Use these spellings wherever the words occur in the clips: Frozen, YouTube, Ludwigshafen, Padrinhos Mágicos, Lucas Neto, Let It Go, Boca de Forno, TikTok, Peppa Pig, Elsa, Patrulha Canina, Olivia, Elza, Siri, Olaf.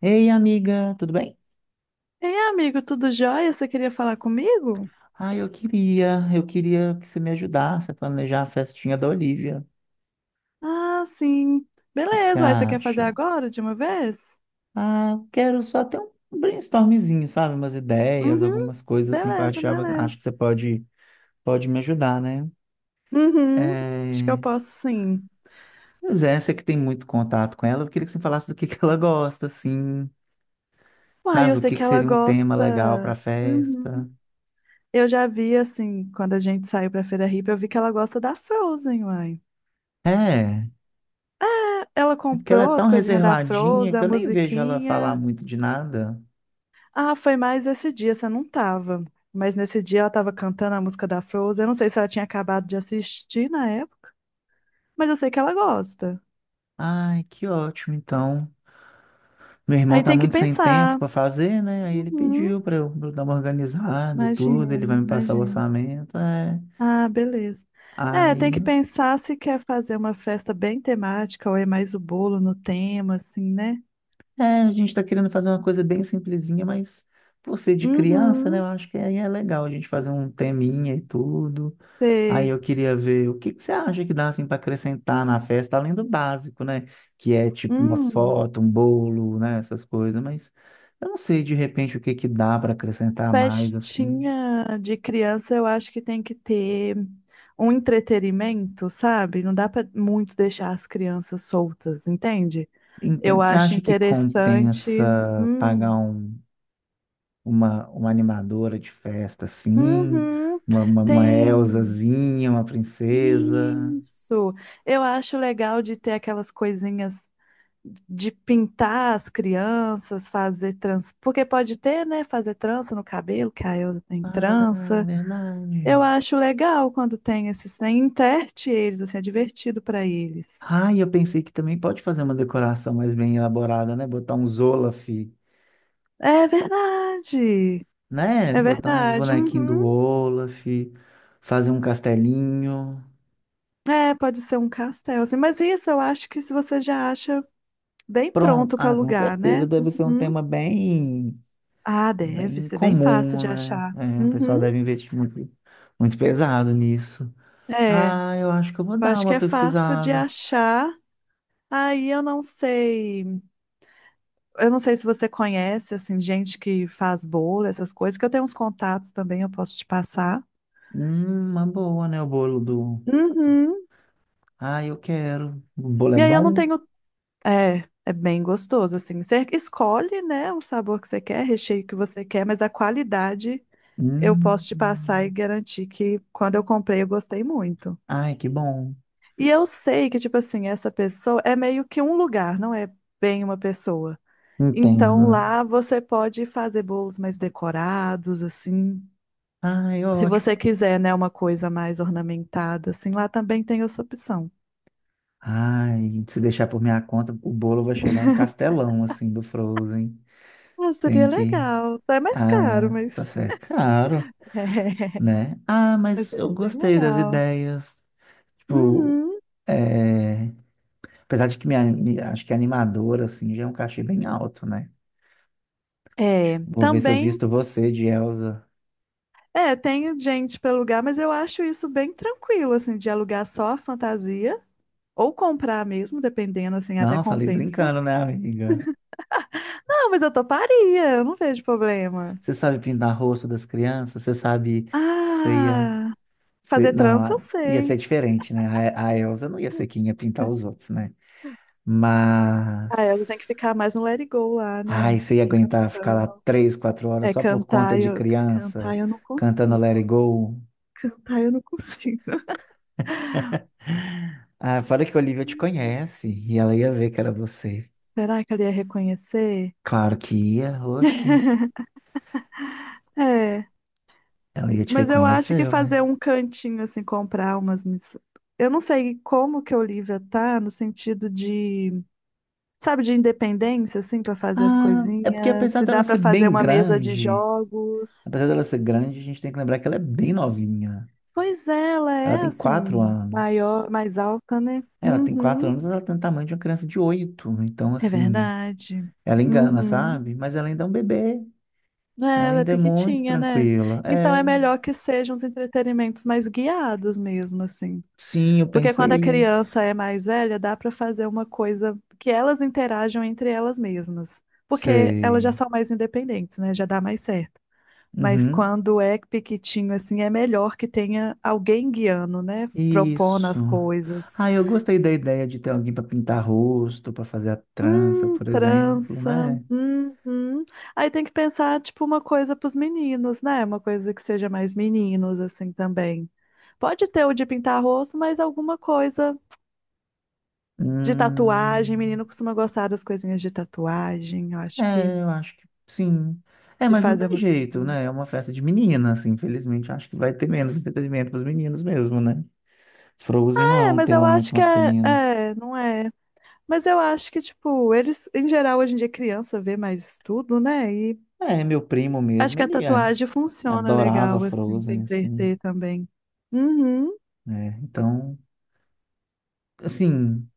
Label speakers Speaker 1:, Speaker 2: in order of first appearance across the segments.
Speaker 1: Ei, amiga, tudo bem?
Speaker 2: Ei, amigo, tudo jóia? Você queria falar comigo?
Speaker 1: Ah, eu queria que você me ajudasse a planejar a festinha da Olivia. O
Speaker 2: Ah, sim.
Speaker 1: que que você
Speaker 2: Beleza, aí você quer fazer
Speaker 1: acha?
Speaker 2: agora de uma vez?
Speaker 1: Ah, quero só ter um brainstormzinho, sabe? Umas ideias,
Speaker 2: Uhum,
Speaker 1: algumas coisas assim que eu
Speaker 2: beleza,
Speaker 1: achava, acho
Speaker 2: beleza.
Speaker 1: que você pode me ajudar, né?
Speaker 2: Uhum, acho que eu
Speaker 1: É...
Speaker 2: posso sim.
Speaker 1: Pois é, você que tem muito contato com ela, eu queria que você falasse do que ela gosta, assim,
Speaker 2: Uai,
Speaker 1: sabe?
Speaker 2: eu
Speaker 1: O
Speaker 2: sei
Speaker 1: que
Speaker 2: que
Speaker 1: que
Speaker 2: ela
Speaker 1: seria um tema legal para
Speaker 2: gosta. Uhum.
Speaker 1: festa.
Speaker 2: Eu já vi, assim, quando a gente saiu pra Feira Hippie, eu vi que ela gosta da Frozen, uai.
Speaker 1: É,
Speaker 2: Ela
Speaker 1: é, porque ela é
Speaker 2: comprou as
Speaker 1: tão
Speaker 2: coisinhas da
Speaker 1: reservadinha
Speaker 2: Frozen,
Speaker 1: que
Speaker 2: a
Speaker 1: eu nem vejo ela falar
Speaker 2: musiquinha.
Speaker 1: muito de nada.
Speaker 2: Ah, foi mais esse dia, você não tava. Mas nesse dia ela tava cantando a música da Frozen. Eu não sei se ela tinha acabado de assistir na época. Mas eu sei que ela gosta.
Speaker 1: Ai, que ótimo, então. Meu irmão
Speaker 2: Aí
Speaker 1: tá
Speaker 2: tem que
Speaker 1: muito sem tempo
Speaker 2: pensar.
Speaker 1: para fazer, né? Aí ele
Speaker 2: Uhum,
Speaker 1: pediu pra eu dar uma organizada e tudo, ele
Speaker 2: imagino,
Speaker 1: vai me passar o
Speaker 2: imagino.
Speaker 1: orçamento, é.
Speaker 2: Ah, beleza. É, tem que
Speaker 1: Aí
Speaker 2: pensar se quer fazer uma festa bem temática ou é mais o bolo no tema, assim, né?
Speaker 1: é, a gente está querendo fazer uma coisa bem simplesinha, mas por ser de criança, né? Eu
Speaker 2: Uhum,
Speaker 1: acho que aí é legal a gente fazer um teminha e tudo. Aí eu
Speaker 2: sei.
Speaker 1: queria ver o que que você acha que dá assim para acrescentar na festa, além do básico, né? Que é tipo uma
Speaker 2: Hum,
Speaker 1: foto, um bolo, né? Essas coisas, mas eu não sei de repente o que que dá para acrescentar mais assim.
Speaker 2: festinha de criança eu acho que tem que ter um entretenimento, sabe? Não dá pra muito deixar as crianças soltas, entende? Eu
Speaker 1: Entende? Você
Speaker 2: acho
Speaker 1: acha que
Speaker 2: interessante.
Speaker 1: compensa pagar
Speaker 2: Hum.
Speaker 1: uma animadora de festa, assim,
Speaker 2: Uhum,
Speaker 1: uma
Speaker 2: tem.
Speaker 1: Elsazinha, uma princesa.
Speaker 2: Isso. Eu acho legal de ter aquelas coisinhas de pintar as crianças, fazer trança. Porque pode ter, né? Fazer trança no cabelo, que a Elza tem
Speaker 1: Ah, é
Speaker 2: trança. Eu
Speaker 1: verdade.
Speaker 2: acho legal quando tem esses trem, enterte eles, assim, é divertido para eles.
Speaker 1: Ah, e eu pensei que também pode fazer uma decoração mais bem elaborada, né? Botar uns Olaf,
Speaker 2: É verdade.
Speaker 1: né?
Speaker 2: É
Speaker 1: Botar uns
Speaker 2: verdade.
Speaker 1: bonequinhos do
Speaker 2: Uhum.
Speaker 1: Olaf, fazer um castelinho.
Speaker 2: É, pode ser um castelo, assim. Mas isso eu acho que se você já acha bem
Speaker 1: Pronto.
Speaker 2: pronto para
Speaker 1: Ah, com
Speaker 2: alugar, né?
Speaker 1: certeza deve ser um
Speaker 2: Uhum.
Speaker 1: tema bem,
Speaker 2: Ah, deve
Speaker 1: bem
Speaker 2: ser bem fácil
Speaker 1: comum,
Speaker 2: de
Speaker 1: né?
Speaker 2: achar.
Speaker 1: É, o pessoal
Speaker 2: Uhum.
Speaker 1: deve investir muito, muito pesado nisso.
Speaker 2: É,
Speaker 1: Ah, eu acho que eu vou
Speaker 2: eu
Speaker 1: dar
Speaker 2: acho que
Speaker 1: uma
Speaker 2: é fácil de
Speaker 1: pesquisada.
Speaker 2: achar. Aí eu não sei se você conhece assim gente que faz bolo, essas coisas, que eu tenho uns contatos também, eu posso te passar.
Speaker 1: Uma boa, né? O bolo do.
Speaker 2: Uhum.
Speaker 1: Ah, eu quero. O bolo é
Speaker 2: E aí eu não
Speaker 1: bom?
Speaker 2: tenho, é bem gostoso assim. Você escolhe, né, o sabor que você quer, recheio que você quer, mas a qualidade eu
Speaker 1: Hum.
Speaker 2: posso te passar e garantir que quando eu comprei eu gostei muito.
Speaker 1: Ai, que bom.
Speaker 2: E eu sei que, tipo assim, essa pessoa é meio que um lugar, não é bem uma pessoa. Então
Speaker 1: Entendo.
Speaker 2: lá você pode fazer bolos mais decorados, assim.
Speaker 1: Ai,
Speaker 2: Se você
Speaker 1: ótimo.
Speaker 2: quiser, né, uma coisa mais ornamentada, assim, lá também tem essa opção.
Speaker 1: Ai, se deixar por minha conta, o bolo vai chegar um castelão, assim, do Frozen.
Speaker 2: Ah, seria
Speaker 1: Tem que.
Speaker 2: legal. É mais caro,
Speaker 1: Ah, só
Speaker 2: mas.
Speaker 1: se é caro,
Speaker 2: É,
Speaker 1: né? Ah,
Speaker 2: mas
Speaker 1: mas eu
Speaker 2: seria bem
Speaker 1: gostei das
Speaker 2: legal.
Speaker 1: ideias. Tipo,
Speaker 2: Uhum.
Speaker 1: é... apesar de que minha, acho que a animadora, assim, já é um cachê bem alto, né?
Speaker 2: É,
Speaker 1: Vou ver se eu
Speaker 2: também.
Speaker 1: visto você de Elsa.
Speaker 2: É, tem gente para alugar, mas eu acho isso bem tranquilo, assim, de alugar só a fantasia ou comprar mesmo, dependendo, assim, até
Speaker 1: Não, falei
Speaker 2: compensa.
Speaker 1: brincando, né, amiga?
Speaker 2: Não, mas eu toparia, eu não vejo problema.
Speaker 1: Você sabe pintar rosto das crianças? Você ia.
Speaker 2: Ah, fazer
Speaker 1: Não,
Speaker 2: trança eu
Speaker 1: ia
Speaker 2: sei.
Speaker 1: ser diferente, né? A Elsa não ia ser quem ia pintar os outros, né?
Speaker 2: Ah, eu
Speaker 1: Mas.
Speaker 2: tenho que ficar mais no Let It Go lá,
Speaker 1: Ai,
Speaker 2: né?
Speaker 1: você ia aguentar ficar lá
Speaker 2: Cantando.
Speaker 1: 3, 4 horas
Speaker 2: É,
Speaker 1: só por conta de
Speaker 2: cantar
Speaker 1: criança,
Speaker 2: eu não
Speaker 1: cantando
Speaker 2: consigo.
Speaker 1: Let It Go.
Speaker 2: Cantar eu não consigo.
Speaker 1: Ah, fora que a Olivia te conhece e ela ia ver que era você.
Speaker 2: Será que ela ia reconhecer?
Speaker 1: Claro que ia, oxe.
Speaker 2: É,
Speaker 1: Ela ia te
Speaker 2: mas eu acho que
Speaker 1: reconhecer.
Speaker 2: fazer um cantinho assim, comprar umas. Mis- Eu não sei como que a Olivia tá no sentido de, sabe, de independência assim para fazer as
Speaker 1: Ah, é porque
Speaker 2: coisinhas, se dá para fazer uma mesa de jogos.
Speaker 1: apesar dela ser grande, a gente tem que lembrar que ela é bem novinha.
Speaker 2: Pois é, ela
Speaker 1: Ela
Speaker 2: é
Speaker 1: tem quatro
Speaker 2: assim,
Speaker 1: anos.
Speaker 2: maior, mais alta, né?
Speaker 1: É, ela tem quatro
Speaker 2: Uhum,
Speaker 1: anos, mas ela tem o tamanho de uma criança de 8. Então,
Speaker 2: é
Speaker 1: assim,
Speaker 2: verdade.
Speaker 1: ela engana,
Speaker 2: Uhum.
Speaker 1: sabe? Mas ela ainda é um bebê.
Speaker 2: É,
Speaker 1: Né? Ela
Speaker 2: ela é
Speaker 1: ainda é muito
Speaker 2: pequitinha, né?
Speaker 1: tranquila.
Speaker 2: Então
Speaker 1: É,
Speaker 2: é melhor que sejam os entretenimentos mais guiados mesmo, assim.
Speaker 1: sim, eu
Speaker 2: Porque quando
Speaker 1: pensei
Speaker 2: a
Speaker 1: isso.
Speaker 2: criança é mais velha, dá pra fazer uma coisa que elas interajam entre elas mesmas. Porque elas já
Speaker 1: Sei.
Speaker 2: são mais independentes, né? Já dá mais certo. Mas
Speaker 1: Uhum.
Speaker 2: quando é pequitinho, assim, é melhor que tenha alguém guiando, né? Propondo
Speaker 1: Isso.
Speaker 2: as coisas.
Speaker 1: Ah, eu gostei da ideia de ter alguém para pintar rosto, para fazer a trança, por exemplo,
Speaker 2: Trança.
Speaker 1: né?
Speaker 2: Uhum. Aí tem que pensar, tipo, uma coisa para os meninos, né? Uma coisa que seja mais meninos, assim, também. Pode ter o de pintar rosto, mas alguma coisa de tatuagem.
Speaker 1: Hum.
Speaker 2: Menino costuma gostar das coisinhas de tatuagem. Eu acho que
Speaker 1: É, eu acho que sim. É,
Speaker 2: de
Speaker 1: mas não
Speaker 2: fazer
Speaker 1: tem
Speaker 2: umas.
Speaker 1: jeito, né? É uma festa de meninas, assim, infelizmente. Acho que vai ter menos entretenimento para os meninos mesmo, né? Frozen não é
Speaker 2: É,
Speaker 1: um
Speaker 2: mas eu
Speaker 1: tema
Speaker 2: acho
Speaker 1: muito
Speaker 2: que
Speaker 1: masculino.
Speaker 2: não é. Mas eu acho que, tipo, eles, em geral, hoje em dia, criança vê mais tudo, né? E
Speaker 1: É, meu primo
Speaker 2: acho
Speaker 1: mesmo,
Speaker 2: que a tatuagem funciona
Speaker 1: adorava
Speaker 2: legal, assim, pra
Speaker 1: Frozen, assim,
Speaker 2: entreter também. Uhum.
Speaker 1: né? Então, assim,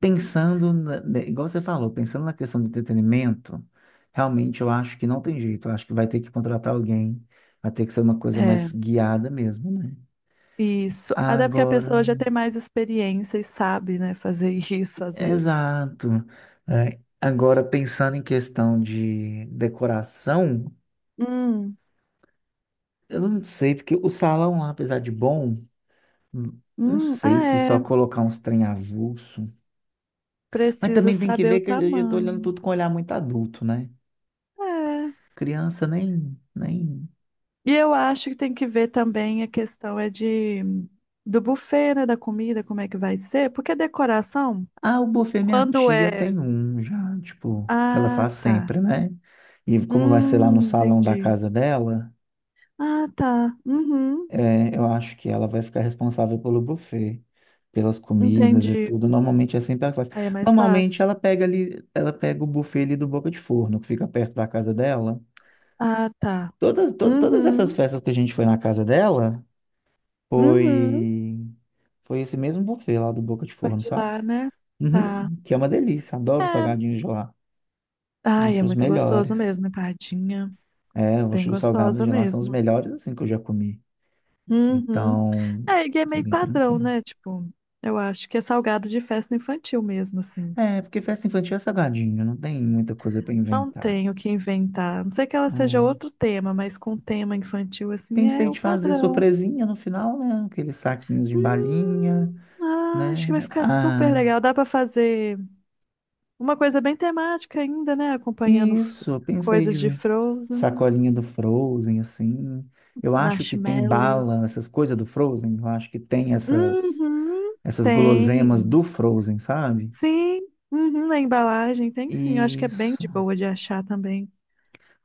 Speaker 1: pensando, né, igual você falou, pensando na questão do entretenimento, realmente eu acho que não tem jeito. Eu acho que vai ter que contratar alguém, vai ter que ser uma coisa
Speaker 2: É,
Speaker 1: mais guiada mesmo, né?
Speaker 2: isso. Até porque a
Speaker 1: Agora.
Speaker 2: pessoa já tem mais experiência e sabe, né, fazer isso às vezes.
Speaker 1: Exato. É, agora, pensando em questão de decoração,
Speaker 2: Hum,
Speaker 1: eu não sei, porque o salão lá, apesar de bom, não sei se
Speaker 2: ah,
Speaker 1: só
Speaker 2: é.
Speaker 1: colocar uns trem avulso. Mas
Speaker 2: Precisa
Speaker 1: também tem que
Speaker 2: saber
Speaker 1: ver
Speaker 2: o
Speaker 1: que eu já tô olhando
Speaker 2: tamanho.
Speaker 1: tudo com um olhar muito adulto, né?
Speaker 2: É.
Speaker 1: Criança nem...
Speaker 2: E eu acho que tem que ver também a questão é de do buffet, né, da comida, como é que vai ser? Porque decoração,
Speaker 1: Ah, o buffet minha
Speaker 2: quando
Speaker 1: tia
Speaker 2: é.
Speaker 1: tem um já, tipo, que ela
Speaker 2: Ah,
Speaker 1: faz
Speaker 2: tá.
Speaker 1: sempre, né? E como vai ser lá no salão da
Speaker 2: Entendi.
Speaker 1: casa dela...
Speaker 2: Ah, tá. Uhum,
Speaker 1: É, eu acho que ela vai ficar responsável pelo buffet, pelas comidas e
Speaker 2: entendi.
Speaker 1: tudo. Normalmente é sempre ela faz.
Speaker 2: Aí é mais
Speaker 1: Normalmente
Speaker 2: fácil.
Speaker 1: ela pega ali, ela pega o buffet ali do Boca de Forno, que fica perto da casa dela.
Speaker 2: Ah, tá.
Speaker 1: Todas essas
Speaker 2: Uhum,
Speaker 1: festas que a gente foi na casa dela,
Speaker 2: uhum.
Speaker 1: foi foi esse mesmo buffet lá do Boca de
Speaker 2: Foi
Speaker 1: Forno,
Speaker 2: de
Speaker 1: sabe?
Speaker 2: lá, né? Tá.
Speaker 1: Uhum, que é uma delícia, adoro os
Speaker 2: É.
Speaker 1: salgadinhos de lá.
Speaker 2: Ai, é
Speaker 1: Acho os
Speaker 2: muito gostoso
Speaker 1: melhores.
Speaker 2: mesmo, empadinha.
Speaker 1: É, eu
Speaker 2: Bem
Speaker 1: acho os salgados
Speaker 2: gostosa
Speaker 1: de lá são os
Speaker 2: mesmo.
Speaker 1: melhores assim que eu já comi.
Speaker 2: Uhum.
Speaker 1: Então,
Speaker 2: É, e é
Speaker 1: assim,
Speaker 2: meio
Speaker 1: bem
Speaker 2: padrão,
Speaker 1: tranquilo.
Speaker 2: né? Tipo, eu acho que é salgado de festa infantil mesmo, assim.
Speaker 1: É, porque festa infantil é salgadinho, não tem muita coisa para
Speaker 2: Não
Speaker 1: inventar.
Speaker 2: tem o que inventar. A Não sei que ela seja
Speaker 1: É,
Speaker 2: outro tema, mas com tema infantil, assim,
Speaker 1: pensei
Speaker 2: é o
Speaker 1: de fazer
Speaker 2: padrão.
Speaker 1: surpresinha no final, né? Aqueles saquinhos de balinha,
Speaker 2: Hum, ah, acho que vai
Speaker 1: né?
Speaker 2: ficar super
Speaker 1: Ah,
Speaker 2: legal. Dá pra fazer uma coisa bem temática ainda, né? Acompanhando f-
Speaker 1: isso, eu pensei
Speaker 2: coisas de
Speaker 1: de
Speaker 2: Frozen,
Speaker 1: sacolinha do Frozen, assim. Eu
Speaker 2: os
Speaker 1: acho que tem
Speaker 2: marshmallows.
Speaker 1: bala, essas coisas do Frozen, eu acho que tem essas,
Speaker 2: Uhum,
Speaker 1: essas guloseimas
Speaker 2: tem.
Speaker 1: do Frozen, sabe?
Speaker 2: Sim, uhum, na embalagem tem sim. Eu acho que é bem
Speaker 1: Isso,
Speaker 2: de boa de achar também.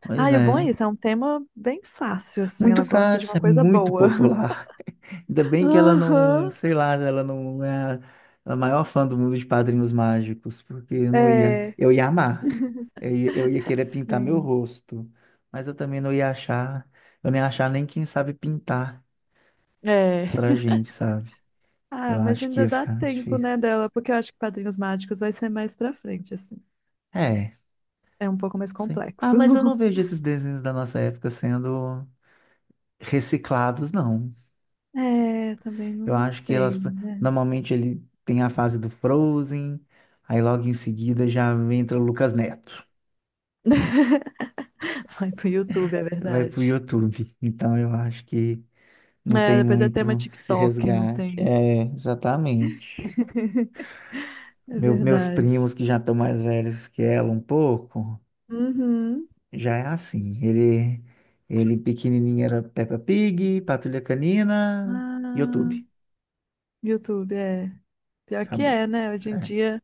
Speaker 1: pois
Speaker 2: Ah, e o bom é
Speaker 1: é.
Speaker 2: isso, é um tema bem fácil, assim.
Speaker 1: Muito
Speaker 2: Ela gosta de
Speaker 1: fácil,
Speaker 2: uma
Speaker 1: é
Speaker 2: coisa
Speaker 1: muito
Speaker 2: boa.
Speaker 1: popular. Ainda bem que ela não,
Speaker 2: Aham,
Speaker 1: sei lá, ela não é a maior fã do mundo de Padrinhos Mágicos, porque eu não ia,
Speaker 2: é,
Speaker 1: eu ia amar. Eu ia querer pintar meu
Speaker 2: sim,
Speaker 1: rosto, mas eu nem ia achar nem quem sabe pintar
Speaker 2: é.
Speaker 1: pra gente, sabe? Eu
Speaker 2: Ah, mas
Speaker 1: acho que
Speaker 2: ainda
Speaker 1: ia
Speaker 2: dá
Speaker 1: ficar mais
Speaker 2: tempo, né,
Speaker 1: difícil.
Speaker 2: dela, porque eu acho que Padrinhos Mágicos vai ser mais pra frente, assim.
Speaker 1: É,
Speaker 2: É um pouco mais
Speaker 1: sim. Ah,
Speaker 2: complexo.
Speaker 1: mas eu não vejo esses desenhos da nossa época sendo reciclados, não.
Speaker 2: É, também
Speaker 1: Eu
Speaker 2: não
Speaker 1: acho que
Speaker 2: sei.
Speaker 1: normalmente ele tem a fase do Frozen, aí logo em seguida já entra o Lucas Neto.
Speaker 2: Vai pro YouTube, é
Speaker 1: Vai pro
Speaker 2: verdade.
Speaker 1: YouTube. Então eu acho que não
Speaker 2: É,
Speaker 1: tem
Speaker 2: depois é
Speaker 1: muito
Speaker 2: tema
Speaker 1: esse
Speaker 2: TikTok, não
Speaker 1: resgate.
Speaker 2: tem.
Speaker 1: É, exatamente.
Speaker 2: É
Speaker 1: Meus
Speaker 2: verdade.
Speaker 1: primos que já estão mais velhos que ela um pouco,
Speaker 2: Uhum.
Speaker 1: já é assim. Ele pequenininho era Peppa Pig, Patrulha Canina,
Speaker 2: Ah,
Speaker 1: YouTube.
Speaker 2: YouTube, é. Pior que
Speaker 1: Acabou.
Speaker 2: é, né? Hoje em
Speaker 1: É,
Speaker 2: dia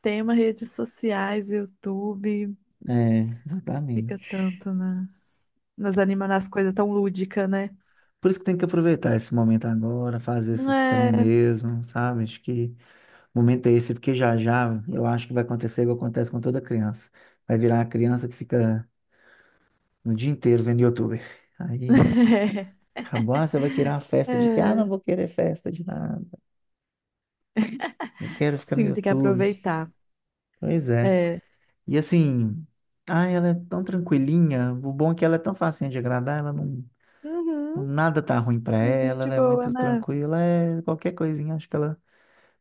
Speaker 2: tem uma redes sociais, YouTube,
Speaker 1: é,
Speaker 2: fica
Speaker 1: exatamente.
Speaker 2: tanto nas, nas anima nas coisas tão lúdica, né?
Speaker 1: Por isso que tem que aproveitar esse momento agora, fazer esses trem
Speaker 2: É.
Speaker 1: mesmo, sabe? Acho que o momento é esse, porque já já eu acho que vai acontecer igual acontece com toda criança. Vai virar a criança que fica no dia inteiro vendo youtuber. Aí acabou, ah, você vai querer uma festa de que? Ah,
Speaker 2: É.
Speaker 1: não vou querer festa de nada. Não quero ficar no
Speaker 2: Sim, tem que
Speaker 1: YouTube.
Speaker 2: aproveitar.
Speaker 1: Pois é.
Speaker 2: É.
Speaker 1: E assim, ah, ela é tão tranquilinha. O bom é que ela é tão facinha de agradar, ela não,
Speaker 2: Uhum.
Speaker 1: nada tá ruim pra
Speaker 2: É Bem
Speaker 1: ela,
Speaker 2: de
Speaker 1: ela é
Speaker 2: boa,
Speaker 1: muito
Speaker 2: né?
Speaker 1: tranquila, é qualquer coisinha, acho que ela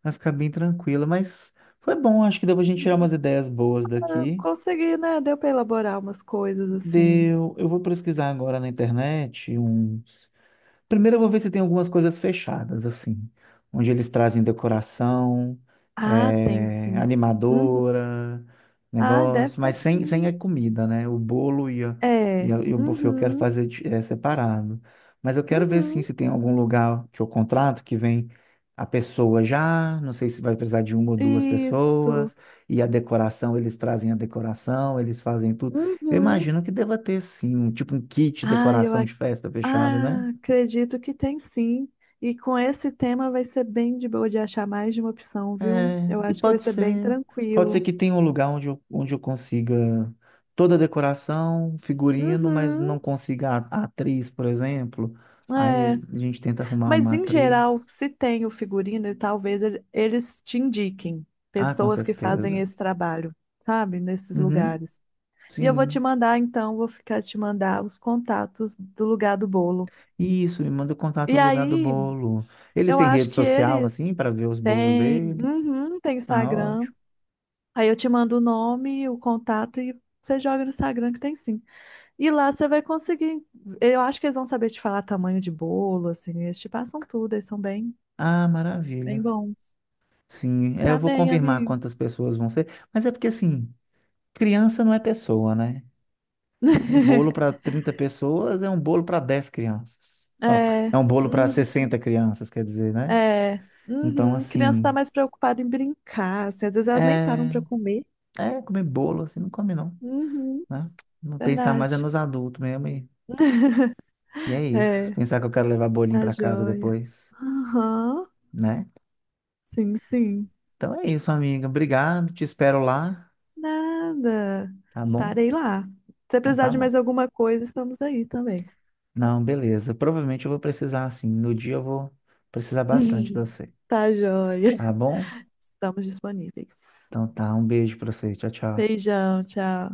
Speaker 1: vai ficar bem tranquila, mas foi bom, acho que deu pra gente tirar umas ideias boas
Speaker 2: Eu
Speaker 1: daqui.
Speaker 2: consegui, né? Deu pra elaborar umas coisas assim.
Speaker 1: Deu. Eu vou pesquisar agora na internet um. Primeiro eu vou ver se tem algumas coisas fechadas, assim, onde eles trazem decoração,
Speaker 2: Ah, tem sim. Uhum.
Speaker 1: animadora,
Speaker 2: Ah, deve
Speaker 1: negócio,
Speaker 2: ter
Speaker 1: mas sem
Speaker 2: sim.
Speaker 1: a comida, né? O bolo e, a-
Speaker 2: É.
Speaker 1: e, a- e o buffet eu quero
Speaker 2: Uhum.
Speaker 1: fazer separado. Mas eu quero ver, sim,
Speaker 2: Uhum.
Speaker 1: se tem algum lugar que eu contrato que vem a pessoa já, não sei se vai precisar de uma ou duas
Speaker 2: Isso.
Speaker 1: pessoas, e a decoração, eles trazem a decoração, eles fazem tudo. Eu
Speaker 2: Uhum.
Speaker 1: imagino que deva ter, sim, um, tipo um kit de
Speaker 2: Ah,
Speaker 1: decoração de festa fechado, né?
Speaker 2: ah, acredito que tem sim. E com esse tema vai ser bem de boa de achar mais de uma opção, viu?
Speaker 1: É,
Speaker 2: Eu
Speaker 1: e
Speaker 2: acho que vai
Speaker 1: pode
Speaker 2: ser bem
Speaker 1: ser, pode ser
Speaker 2: tranquilo.
Speaker 1: que tenha um lugar onde eu consiga toda a decoração, figurino, mas
Speaker 2: Uhum.
Speaker 1: não consiga a atriz, por exemplo.
Speaker 2: É.
Speaker 1: Aí a gente tenta arrumar
Speaker 2: Mas
Speaker 1: uma
Speaker 2: em
Speaker 1: atriz.
Speaker 2: geral, se tem o figurino, talvez ele- eles te indiquem
Speaker 1: Ah, com
Speaker 2: pessoas que fazem
Speaker 1: certeza.
Speaker 2: esse trabalho, sabe? Nesses
Speaker 1: Uhum,
Speaker 2: lugares. E eu vou te
Speaker 1: sim.
Speaker 2: mandar, então, vou ficar te mandar os contatos do lugar do bolo.
Speaker 1: Isso, me manda o contato
Speaker 2: E
Speaker 1: do lugar do
Speaker 2: aí,
Speaker 1: bolo. Eles
Speaker 2: eu
Speaker 1: têm
Speaker 2: acho
Speaker 1: rede
Speaker 2: que
Speaker 1: social,
Speaker 2: eles
Speaker 1: assim, para ver os bolos
Speaker 2: Tem,
Speaker 1: dele.
Speaker 2: uhum, tem
Speaker 1: Ah,
Speaker 2: Instagram.
Speaker 1: ótimo.
Speaker 2: Aí eu te mando o nome, o contato e você joga no Instagram que tem sim. E lá você vai conseguir. Eu acho que eles vão saber te falar tamanho de bolo, assim. Eles te passam tudo, eles são bem,
Speaker 1: Ah,
Speaker 2: bem
Speaker 1: maravilha.
Speaker 2: bons.
Speaker 1: Sim, é, eu
Speaker 2: Tá
Speaker 1: vou
Speaker 2: bem,
Speaker 1: confirmar
Speaker 2: amigo.
Speaker 1: quantas pessoas vão ser, mas é porque, assim, criança não é pessoa, né? Um bolo para 30 pessoas é um bolo para 10 crianças. Ó,
Speaker 2: É,
Speaker 1: é um bolo para
Speaker 2: uhum,
Speaker 1: 60 crianças, quer dizer, né?
Speaker 2: é,
Speaker 1: Então,
Speaker 2: uhum. Criança tá
Speaker 1: assim,
Speaker 2: mais preocupada em brincar, assim. Às vezes elas nem param
Speaker 1: é,
Speaker 2: pra comer.
Speaker 1: é comer bolo, assim, não come não,
Speaker 2: Uhum,
Speaker 1: né? Não, pensar mais é
Speaker 2: verdade.
Speaker 1: nos adultos mesmo e, e é isso.
Speaker 2: É,
Speaker 1: Pensar que eu quero levar bolinho
Speaker 2: tá
Speaker 1: para casa
Speaker 2: joia.
Speaker 1: depois,
Speaker 2: Aham,
Speaker 1: né?
Speaker 2: sim, sim.
Speaker 1: Então é isso, amiga. Obrigado, te espero lá,
Speaker 2: Nada.
Speaker 1: tá bom?
Speaker 2: Estarei lá. Se
Speaker 1: Então
Speaker 2: precisar
Speaker 1: tá
Speaker 2: de
Speaker 1: bom.
Speaker 2: mais alguma coisa, estamos aí também.
Speaker 1: Não, beleza. Provavelmente eu vou precisar, assim, no dia eu vou precisar bastante de você,
Speaker 2: Tá joia.
Speaker 1: tá bom?
Speaker 2: Estamos disponíveis.
Speaker 1: Então tá, um beijo pra você. Tchau, tchau.
Speaker 2: Beijão, tchau.